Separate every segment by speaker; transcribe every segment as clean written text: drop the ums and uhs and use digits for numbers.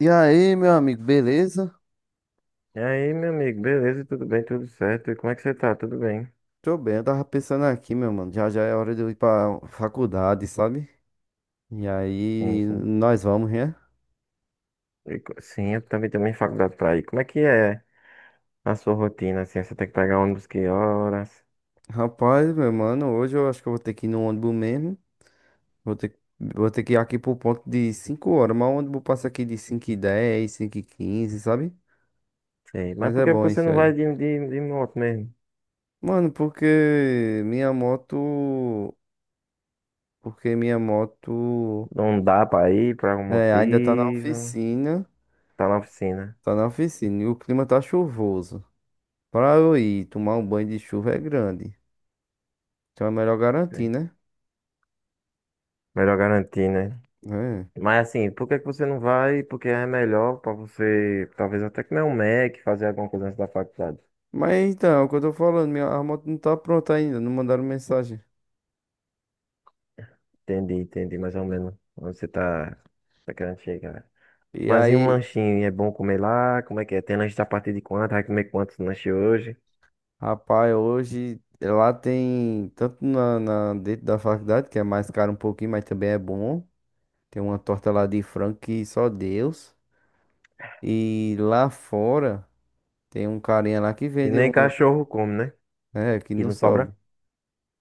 Speaker 1: E aí, meu amigo, beleza?
Speaker 2: E aí, meu amigo, beleza? Tudo bem? Tudo certo? E como é que você tá? Tudo bem?
Speaker 1: Tô bem, eu tava pensando aqui, meu mano. Já já é hora de eu ir pra faculdade, sabe? E
Speaker 2: Sim,
Speaker 1: aí,
Speaker 2: sim.
Speaker 1: nós vamos, né?
Speaker 2: E sim, eu também tenho minha faculdade pra ir. Como é que é a sua rotina, assim? Você tem que pegar ônibus que horas?
Speaker 1: Rapaz, meu mano, hoje eu acho que eu vou ter que ir no ônibus mesmo. Vou ter, vou ter que ir aqui pro ponto de 5h, mas o ônibus passa aqui de 5h10, 5h15, sabe?
Speaker 2: Sei. Mas
Speaker 1: Mas
Speaker 2: por
Speaker 1: é
Speaker 2: que
Speaker 1: bom
Speaker 2: você
Speaker 1: isso
Speaker 2: não
Speaker 1: aí.
Speaker 2: vai de moto mesmo?
Speaker 1: Mano, porque minha moto
Speaker 2: Não dá pra ir por algum
Speaker 1: é, ainda tá na
Speaker 2: motivo.
Speaker 1: oficina.
Speaker 2: Tá na oficina.
Speaker 1: Tá na oficina e o clima tá chuvoso. Pra eu ir tomar um banho de chuva é grande. Então é melhor garantir,
Speaker 2: Sei.
Speaker 1: né?
Speaker 2: Melhor garantir, né?
Speaker 1: É.
Speaker 2: Mas assim, por que que você não vai? Porque é melhor pra você, talvez até comer um Mac, fazer alguma coisa antes da faculdade.
Speaker 1: Mas então, é o que eu tô falando, minha a moto não tá pronta ainda, não mandaram mensagem.
Speaker 2: Entendi, entendi, mais ou menos. Onde você tá querendo chegar.
Speaker 1: E
Speaker 2: Mas e um
Speaker 1: aí,
Speaker 2: lanchinho? É bom comer lá? Como é que é? Tem lanche a partir de quanto? Vai comer quantos lanches hoje?
Speaker 1: rapaz, hoje lá tem, tanto dentro da faculdade, que é mais caro um pouquinho, mas também é bom. Tem uma torta lá de frango que só Deus. E lá fora tem um carinha lá que
Speaker 2: E
Speaker 1: vende
Speaker 2: nem
Speaker 1: um,
Speaker 2: cachorro come, né?
Speaker 1: é, que
Speaker 2: E
Speaker 1: não
Speaker 2: não sobra?
Speaker 1: sobe.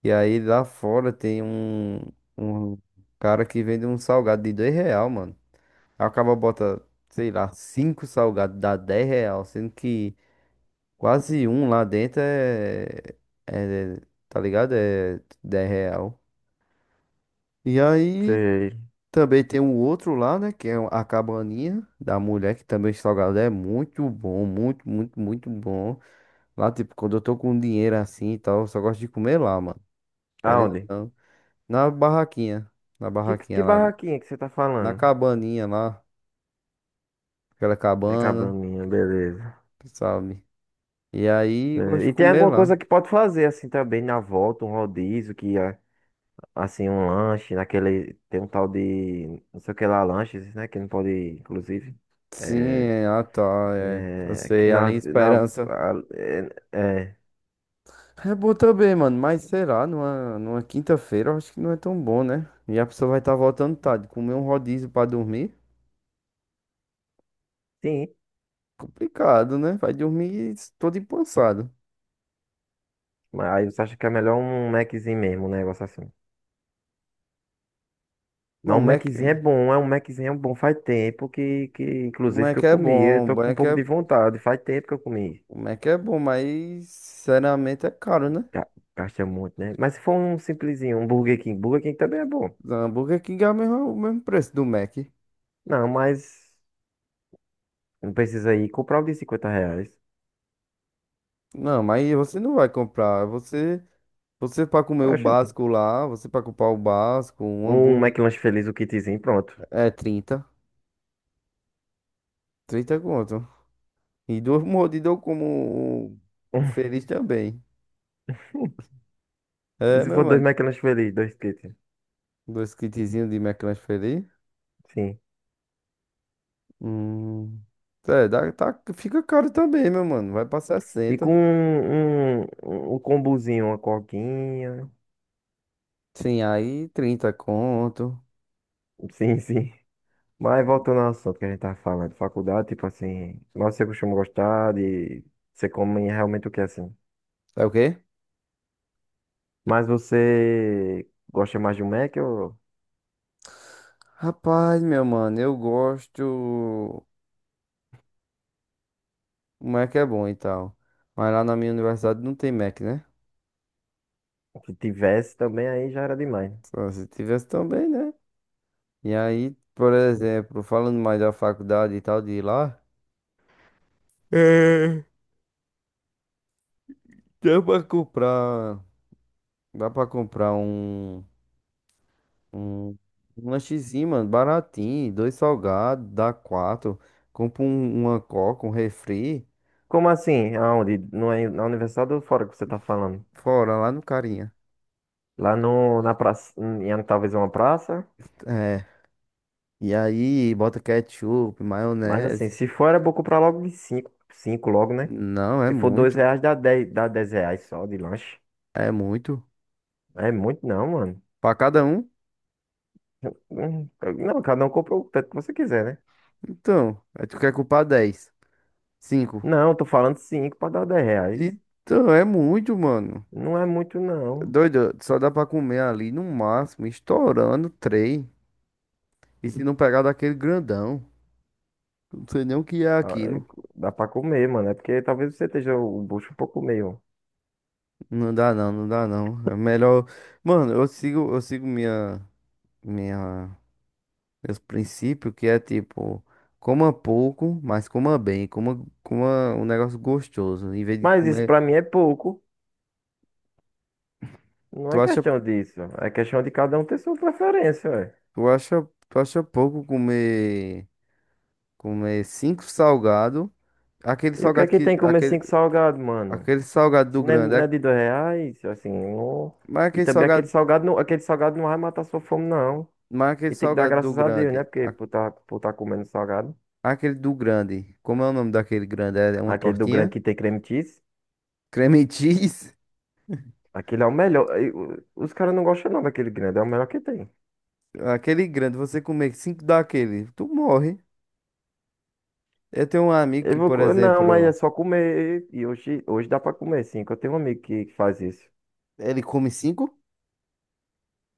Speaker 1: E aí lá fora tem um cara que vende um salgado de R$ 2, mano. Aí o cara bota, sei lá, cinco salgados, dá R$ 10, sendo que quase um lá dentro é, tá ligado? É R$ 10. E aí
Speaker 2: Sei.
Speaker 1: também tem o outro lá, né, que é a cabaninha da mulher, que também o salgado é muito bom, muito, muito, muito bom. Lá, tipo, quando eu tô com dinheiro assim e tal, eu só gosto de comer lá, mano. Querendo ou
Speaker 2: Aonde?
Speaker 1: não. Na barraquinha, na
Speaker 2: Que
Speaker 1: barraquinha lá,
Speaker 2: barraquinha que você tá
Speaker 1: na
Speaker 2: falando?
Speaker 1: cabaninha lá, aquela
Speaker 2: É
Speaker 1: cabana,
Speaker 2: cabaninha, beleza.
Speaker 1: sabe? E aí eu gosto
Speaker 2: É,
Speaker 1: de
Speaker 2: e tem
Speaker 1: comer
Speaker 2: alguma
Speaker 1: lá.
Speaker 2: coisa que pode fazer assim também na volta, um rodízio, que é, assim, um lanche, naquele. Tem um tal de. Não sei o que lá, lanches, né? Que não pode, inclusive.
Speaker 1: Sim,
Speaker 2: É,
Speaker 1: é, ah tá, é. Eu
Speaker 2: é, que
Speaker 1: sei,
Speaker 2: na,
Speaker 1: além
Speaker 2: na,
Speaker 1: esperança.
Speaker 2: a- é, é,
Speaker 1: É bom também, mano, mas será lá, numa quinta-feira eu acho que não é tão bom, né? E a pessoa vai estar voltando tarde, comer um rodízio pra dormir,
Speaker 2: sim.
Speaker 1: complicado, né? Vai dormir todo empançado.
Speaker 2: Mas aí você acha que é melhor um Maczinho mesmo, um negócio assim.
Speaker 1: Mas
Speaker 2: Não,
Speaker 1: o
Speaker 2: um
Speaker 1: Mac,
Speaker 2: Maczinho é bom, é um Maczinho é um bom. Faz tempo que
Speaker 1: o
Speaker 2: inclusive, que
Speaker 1: Mac
Speaker 2: eu
Speaker 1: é
Speaker 2: comi. Eu
Speaker 1: bom, o
Speaker 2: tô com um
Speaker 1: Mac
Speaker 2: pouco
Speaker 1: é,
Speaker 2: de vontade. Faz tempo que eu comi.
Speaker 1: o Mac é bom, mas sinceramente é caro, né?
Speaker 2: Ga- Gasta muito, né? Mas se for um simplesinho, um Burger King. Burger King também é bom.
Speaker 1: O Burger King é o mesmo preço do Mac.
Speaker 2: Não, mas não precisa ir comprar um de 50 reais.
Speaker 1: Não, mas você não vai comprar, você... Você pra comer o
Speaker 2: Oxente.
Speaker 1: básico lá, você pra comprar o básico, um
Speaker 2: Um
Speaker 1: hambúrguer
Speaker 2: McLanche feliz, o kitzinho, pronto.
Speaker 1: é 30 conto. E duas mordidas eu como o feliz também.
Speaker 2: E
Speaker 1: É,
Speaker 2: se
Speaker 1: meu
Speaker 2: for dois
Speaker 1: mano.
Speaker 2: McLanche feliz, dois kits.
Speaker 1: Dois kitzinhos de McLanche feliz.
Speaker 2: Sim.
Speaker 1: Hum. É, dá, tá, fica caro também, meu mano. Vai pra
Speaker 2: E com
Speaker 1: 60.
Speaker 2: um combozinho, uma coquinha.
Speaker 1: Sim, aí 30 conto.
Speaker 2: Sim, sim. Mas voltando ao assunto que a gente tava falando, faculdade, tipo assim, mas você costuma gostar de. Você come realmente o que assim?
Speaker 1: É o quê?
Speaker 2: Mas você gosta mais de um Mac ou
Speaker 1: Rapaz, meu mano, eu gosto. O Mac é bom e tal. Mas lá na minha universidade não tem Mac, né?
Speaker 2: o que tivesse também aí já era demais, né?
Speaker 1: Só se tivesse também, né? E aí, por exemplo, falando mais da faculdade e tal de ir lá, é, dá pra comprar, dá pra comprar um, um lanchezinho, mano, baratinho, dois salgados, dá quatro, compra uma coca, um refri,
Speaker 2: Como assim? Aonde? No, na universidade ou fora que você tá falando?
Speaker 1: fora lá no carinha.
Speaker 2: Lá no, na praça, em talvez uma praça.
Speaker 1: É, e aí bota ketchup,
Speaker 2: Mas assim,
Speaker 1: maionese.
Speaker 2: se for era bom comprar logo de 5, 5 logo, né?
Speaker 1: Não, é
Speaker 2: Se for 2
Speaker 1: muito,
Speaker 2: reais, dá 10 reais só de lanche.
Speaker 1: é muito.
Speaker 2: É muito não, mano.
Speaker 1: Pra cada um?
Speaker 2: Hum, Não, cada um compra o tanto que você quiser, né?
Speaker 1: Então, aí tu quer comprar 10 cinco.
Speaker 2: Não, tô falando cinco pra dar 10 reais.
Speaker 1: Então, é muito, mano.
Speaker 2: Não é muito, não.
Speaker 1: Doido, só dá pra comer ali no máximo, estourando três. E se não pegar daquele grandão, não sei nem o que é
Speaker 2: Ah, é,
Speaker 1: aquilo.
Speaker 2: Dá pra comer, mano. É porque talvez você esteja o bucho um pouco meio.
Speaker 1: Não dá não, não dá não. É melhor. Mano, eu sigo minha, meus princípios, que é tipo, coma pouco, mas coma bem, coma um negócio gostoso. Em vez de
Speaker 2: Mas isso
Speaker 1: comer,
Speaker 2: pra mim é pouco. Não
Speaker 1: tu
Speaker 2: é
Speaker 1: acha,
Speaker 2: questão disso. É questão de cada um ter sua preferência, ué.
Speaker 1: tu acha, tu acha pouco comer, cinco salgado, aquele
Speaker 2: E o que é
Speaker 1: salgado
Speaker 2: que
Speaker 1: que,
Speaker 2: tem comer
Speaker 1: aquele,
Speaker 2: cinco salgados, mano?
Speaker 1: aquele salgado do
Speaker 2: Se não é,
Speaker 1: grande
Speaker 2: não é
Speaker 1: é,
Speaker 2: de 2 reais, assim, não.
Speaker 1: mas
Speaker 2: E
Speaker 1: aquele
Speaker 2: também
Speaker 1: salgado.
Speaker 2: aquele salgado não vai matar sua fome, não.
Speaker 1: Mas aquele
Speaker 2: E tem que dar
Speaker 1: salgado do
Speaker 2: graças a Deus,
Speaker 1: grande.
Speaker 2: né? Porque por tá comendo salgado.
Speaker 1: Aquele do grande. Como é o nome daquele grande? É, é uma
Speaker 2: Aquele do grande
Speaker 1: tortinha?
Speaker 2: que tem creme cheese.
Speaker 1: Creme cheese?
Speaker 2: Aquele é o melhor. Os caras não gostam não daquele grande, é o melhor que tem.
Speaker 1: Aquele grande, você comer cinco daquele, tu morre. Eu tenho um amigo
Speaker 2: Eu
Speaker 1: que,
Speaker 2: vou,
Speaker 1: por
Speaker 2: não, mas é
Speaker 1: exemplo,
Speaker 2: só comer. E hoje dá pra comer, sim. Que eu tenho um amigo que faz isso.
Speaker 1: ele come cinco?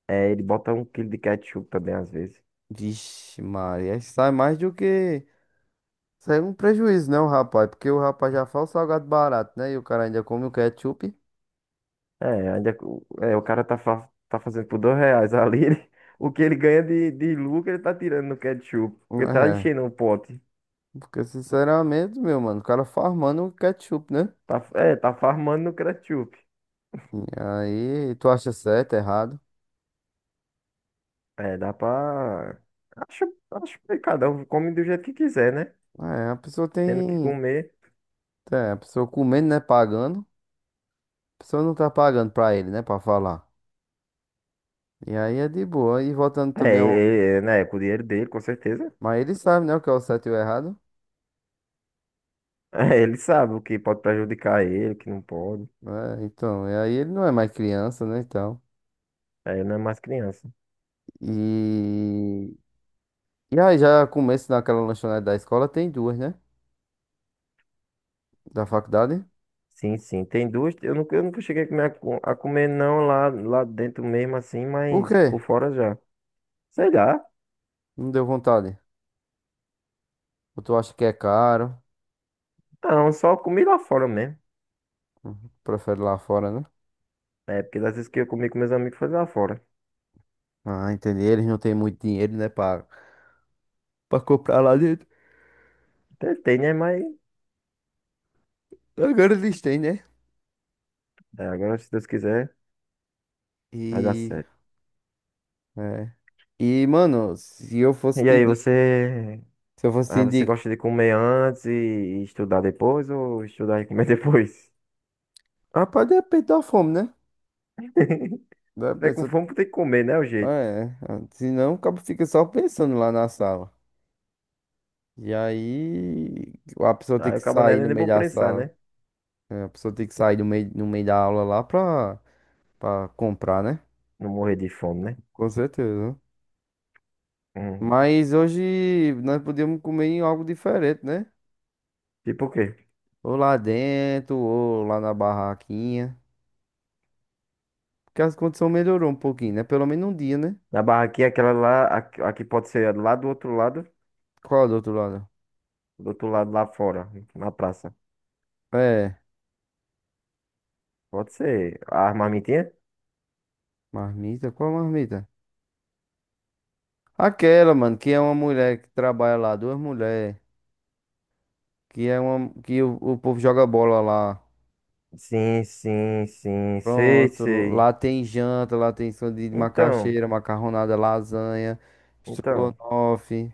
Speaker 2: É, ele bota um quilo de ketchup também, às vezes.
Speaker 1: Vixe, Maria, sai mais do que. Sai um prejuízo, né, o rapaz? Porque o rapaz já faz o salgado barato, né? E o cara ainda come o ketchup.
Speaker 2: É, ainda, é, o cara tá fazendo por 2 reais ali. O que ele ganha de lucro, ele tá tirando no ketchup. Porque tá
Speaker 1: É.
Speaker 2: enchendo o pote.
Speaker 1: Porque, sinceramente, meu mano, o cara farmando o ketchup, né?
Speaker 2: Tá farmando no ketchup.
Speaker 1: E aí, tu acha certo, errado?
Speaker 2: É, dá pra. Acho, acho que cada um come do jeito que quiser, né?
Speaker 1: É, a pessoa
Speaker 2: Tendo que
Speaker 1: tem.
Speaker 2: comer.
Speaker 1: É, a pessoa comendo, né? Pagando. A pessoa não tá pagando pra ele, né? Pra falar. E aí é de boa. E voltando também
Speaker 2: É,
Speaker 1: ao.
Speaker 2: ele, né, é com o dinheiro dele, com certeza.
Speaker 1: Mas ele sabe, né? O que é o certo e o errado.
Speaker 2: É, ele sabe o que pode prejudicar ele, o que não pode.
Speaker 1: Né, então. E aí ele não é mais criança, né? Então.
Speaker 2: É, ele não é mais criança.
Speaker 1: E. E aí já começo naquela lanchonete da escola, tem duas, né? Da faculdade.
Speaker 2: Sim, sim. Tem duas. Eu nunca cheguei a comer, a comer não lá dentro mesmo assim,
Speaker 1: Por
Speaker 2: mas
Speaker 1: quê?
Speaker 2: por fora já. Sei lá.
Speaker 1: Não deu vontade. Ou tu acha que é caro?
Speaker 2: Não, só comi lá fora mesmo.
Speaker 1: Uhum. Prefere lá fora, né?
Speaker 2: É, porque das vezes que eu comi com meus amigos foi lá fora.
Speaker 1: Ah, entendi. Eles não têm muito dinheiro, né? Pra comprar lá dentro.
Speaker 2: Tentei, né, mas
Speaker 1: Agora eles têm, né?
Speaker 2: é, agora se Deus quiser, vai dar
Speaker 1: E.
Speaker 2: certo.
Speaker 1: É. E, mano, se eu fosse
Speaker 2: E
Speaker 1: te
Speaker 2: aí,
Speaker 1: indicar,
Speaker 2: você.
Speaker 1: se eu fosse te
Speaker 2: Ah, você
Speaker 1: indicar,
Speaker 2: gosta de comer antes e estudar depois ou estudar e comer depois?
Speaker 1: rapaz, depende da fome, né?
Speaker 2: Se
Speaker 1: Da
Speaker 2: tiver com
Speaker 1: pessoa,
Speaker 2: fome, tem que comer, né? O jeito.
Speaker 1: é, senão o cabo fica só pensando lá na sala. E aí, a pessoa tem
Speaker 2: Aí
Speaker 1: que
Speaker 2: o cabo não é
Speaker 1: sair no
Speaker 2: nem
Speaker 1: meio
Speaker 2: vou
Speaker 1: da
Speaker 2: prensar,
Speaker 1: sala.
Speaker 2: né?
Speaker 1: É, a pessoa tem que sair no meio, da aula lá pra, comprar, né?
Speaker 2: Não morrer de fome, né?
Speaker 1: Com certeza.
Speaker 2: Hum.
Speaker 1: Mas hoje nós podíamos comer em algo diferente, né?
Speaker 2: Tipo o quê?
Speaker 1: Ou lá dentro, ou lá na barraquinha. Porque as condições melhorou um pouquinho, né? Pelo menos um dia, né?
Speaker 2: Na barraquinha, aquela lá, aqui pode ser lá
Speaker 1: Qual é do outro lado?
Speaker 2: do outro lado lá fora, na praça.
Speaker 1: É,
Speaker 2: Pode ser a armamentinha.
Speaker 1: marmita, qual marmita? Aquela, mano, que é uma mulher que trabalha lá, duas mulheres, que é uma que o povo joga bola lá.
Speaker 2: Sim, sim, sim, sei,
Speaker 1: Pronto,
Speaker 2: sei.
Speaker 1: lá tem janta, lá tem sanduíche de
Speaker 2: Então,
Speaker 1: macaxeira, macarronada, lasanha,
Speaker 2: então,
Speaker 1: estrogonofe,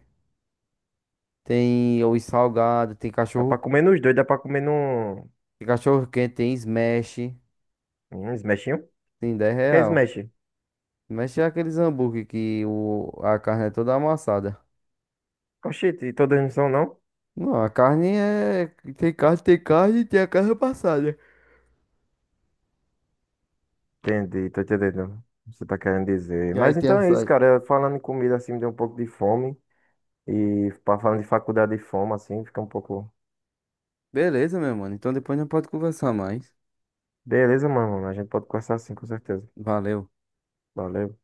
Speaker 1: tem os salgados,
Speaker 2: dá pra comer nos dois, dá pra comer num,
Speaker 1: tem cachorro quente, tem smash,
Speaker 2: num smashinho?
Speaker 1: tem 10
Speaker 2: O que é
Speaker 1: real.
Speaker 2: smash?
Speaker 1: Smash é aqueles hambúrguer a carne é toda amassada.
Speaker 2: Oxente, e todas não são, não?
Speaker 1: Não, a carne é. Tem carne e tem a carne passada.
Speaker 2: Entendi, tô entendendo o que você tá querendo dizer.
Speaker 1: E aí
Speaker 2: Mas
Speaker 1: tem
Speaker 2: então é isso,
Speaker 1: açaí.
Speaker 2: cara. Falando em comida assim, me deu um pouco de fome. E falando de faculdade e fome, assim, fica um pouco.
Speaker 1: Beleza, meu mano. Então depois a gente pode conversar mais.
Speaker 2: Beleza, mano. A gente pode conversar assim, com certeza.
Speaker 1: Valeu.
Speaker 2: Valeu.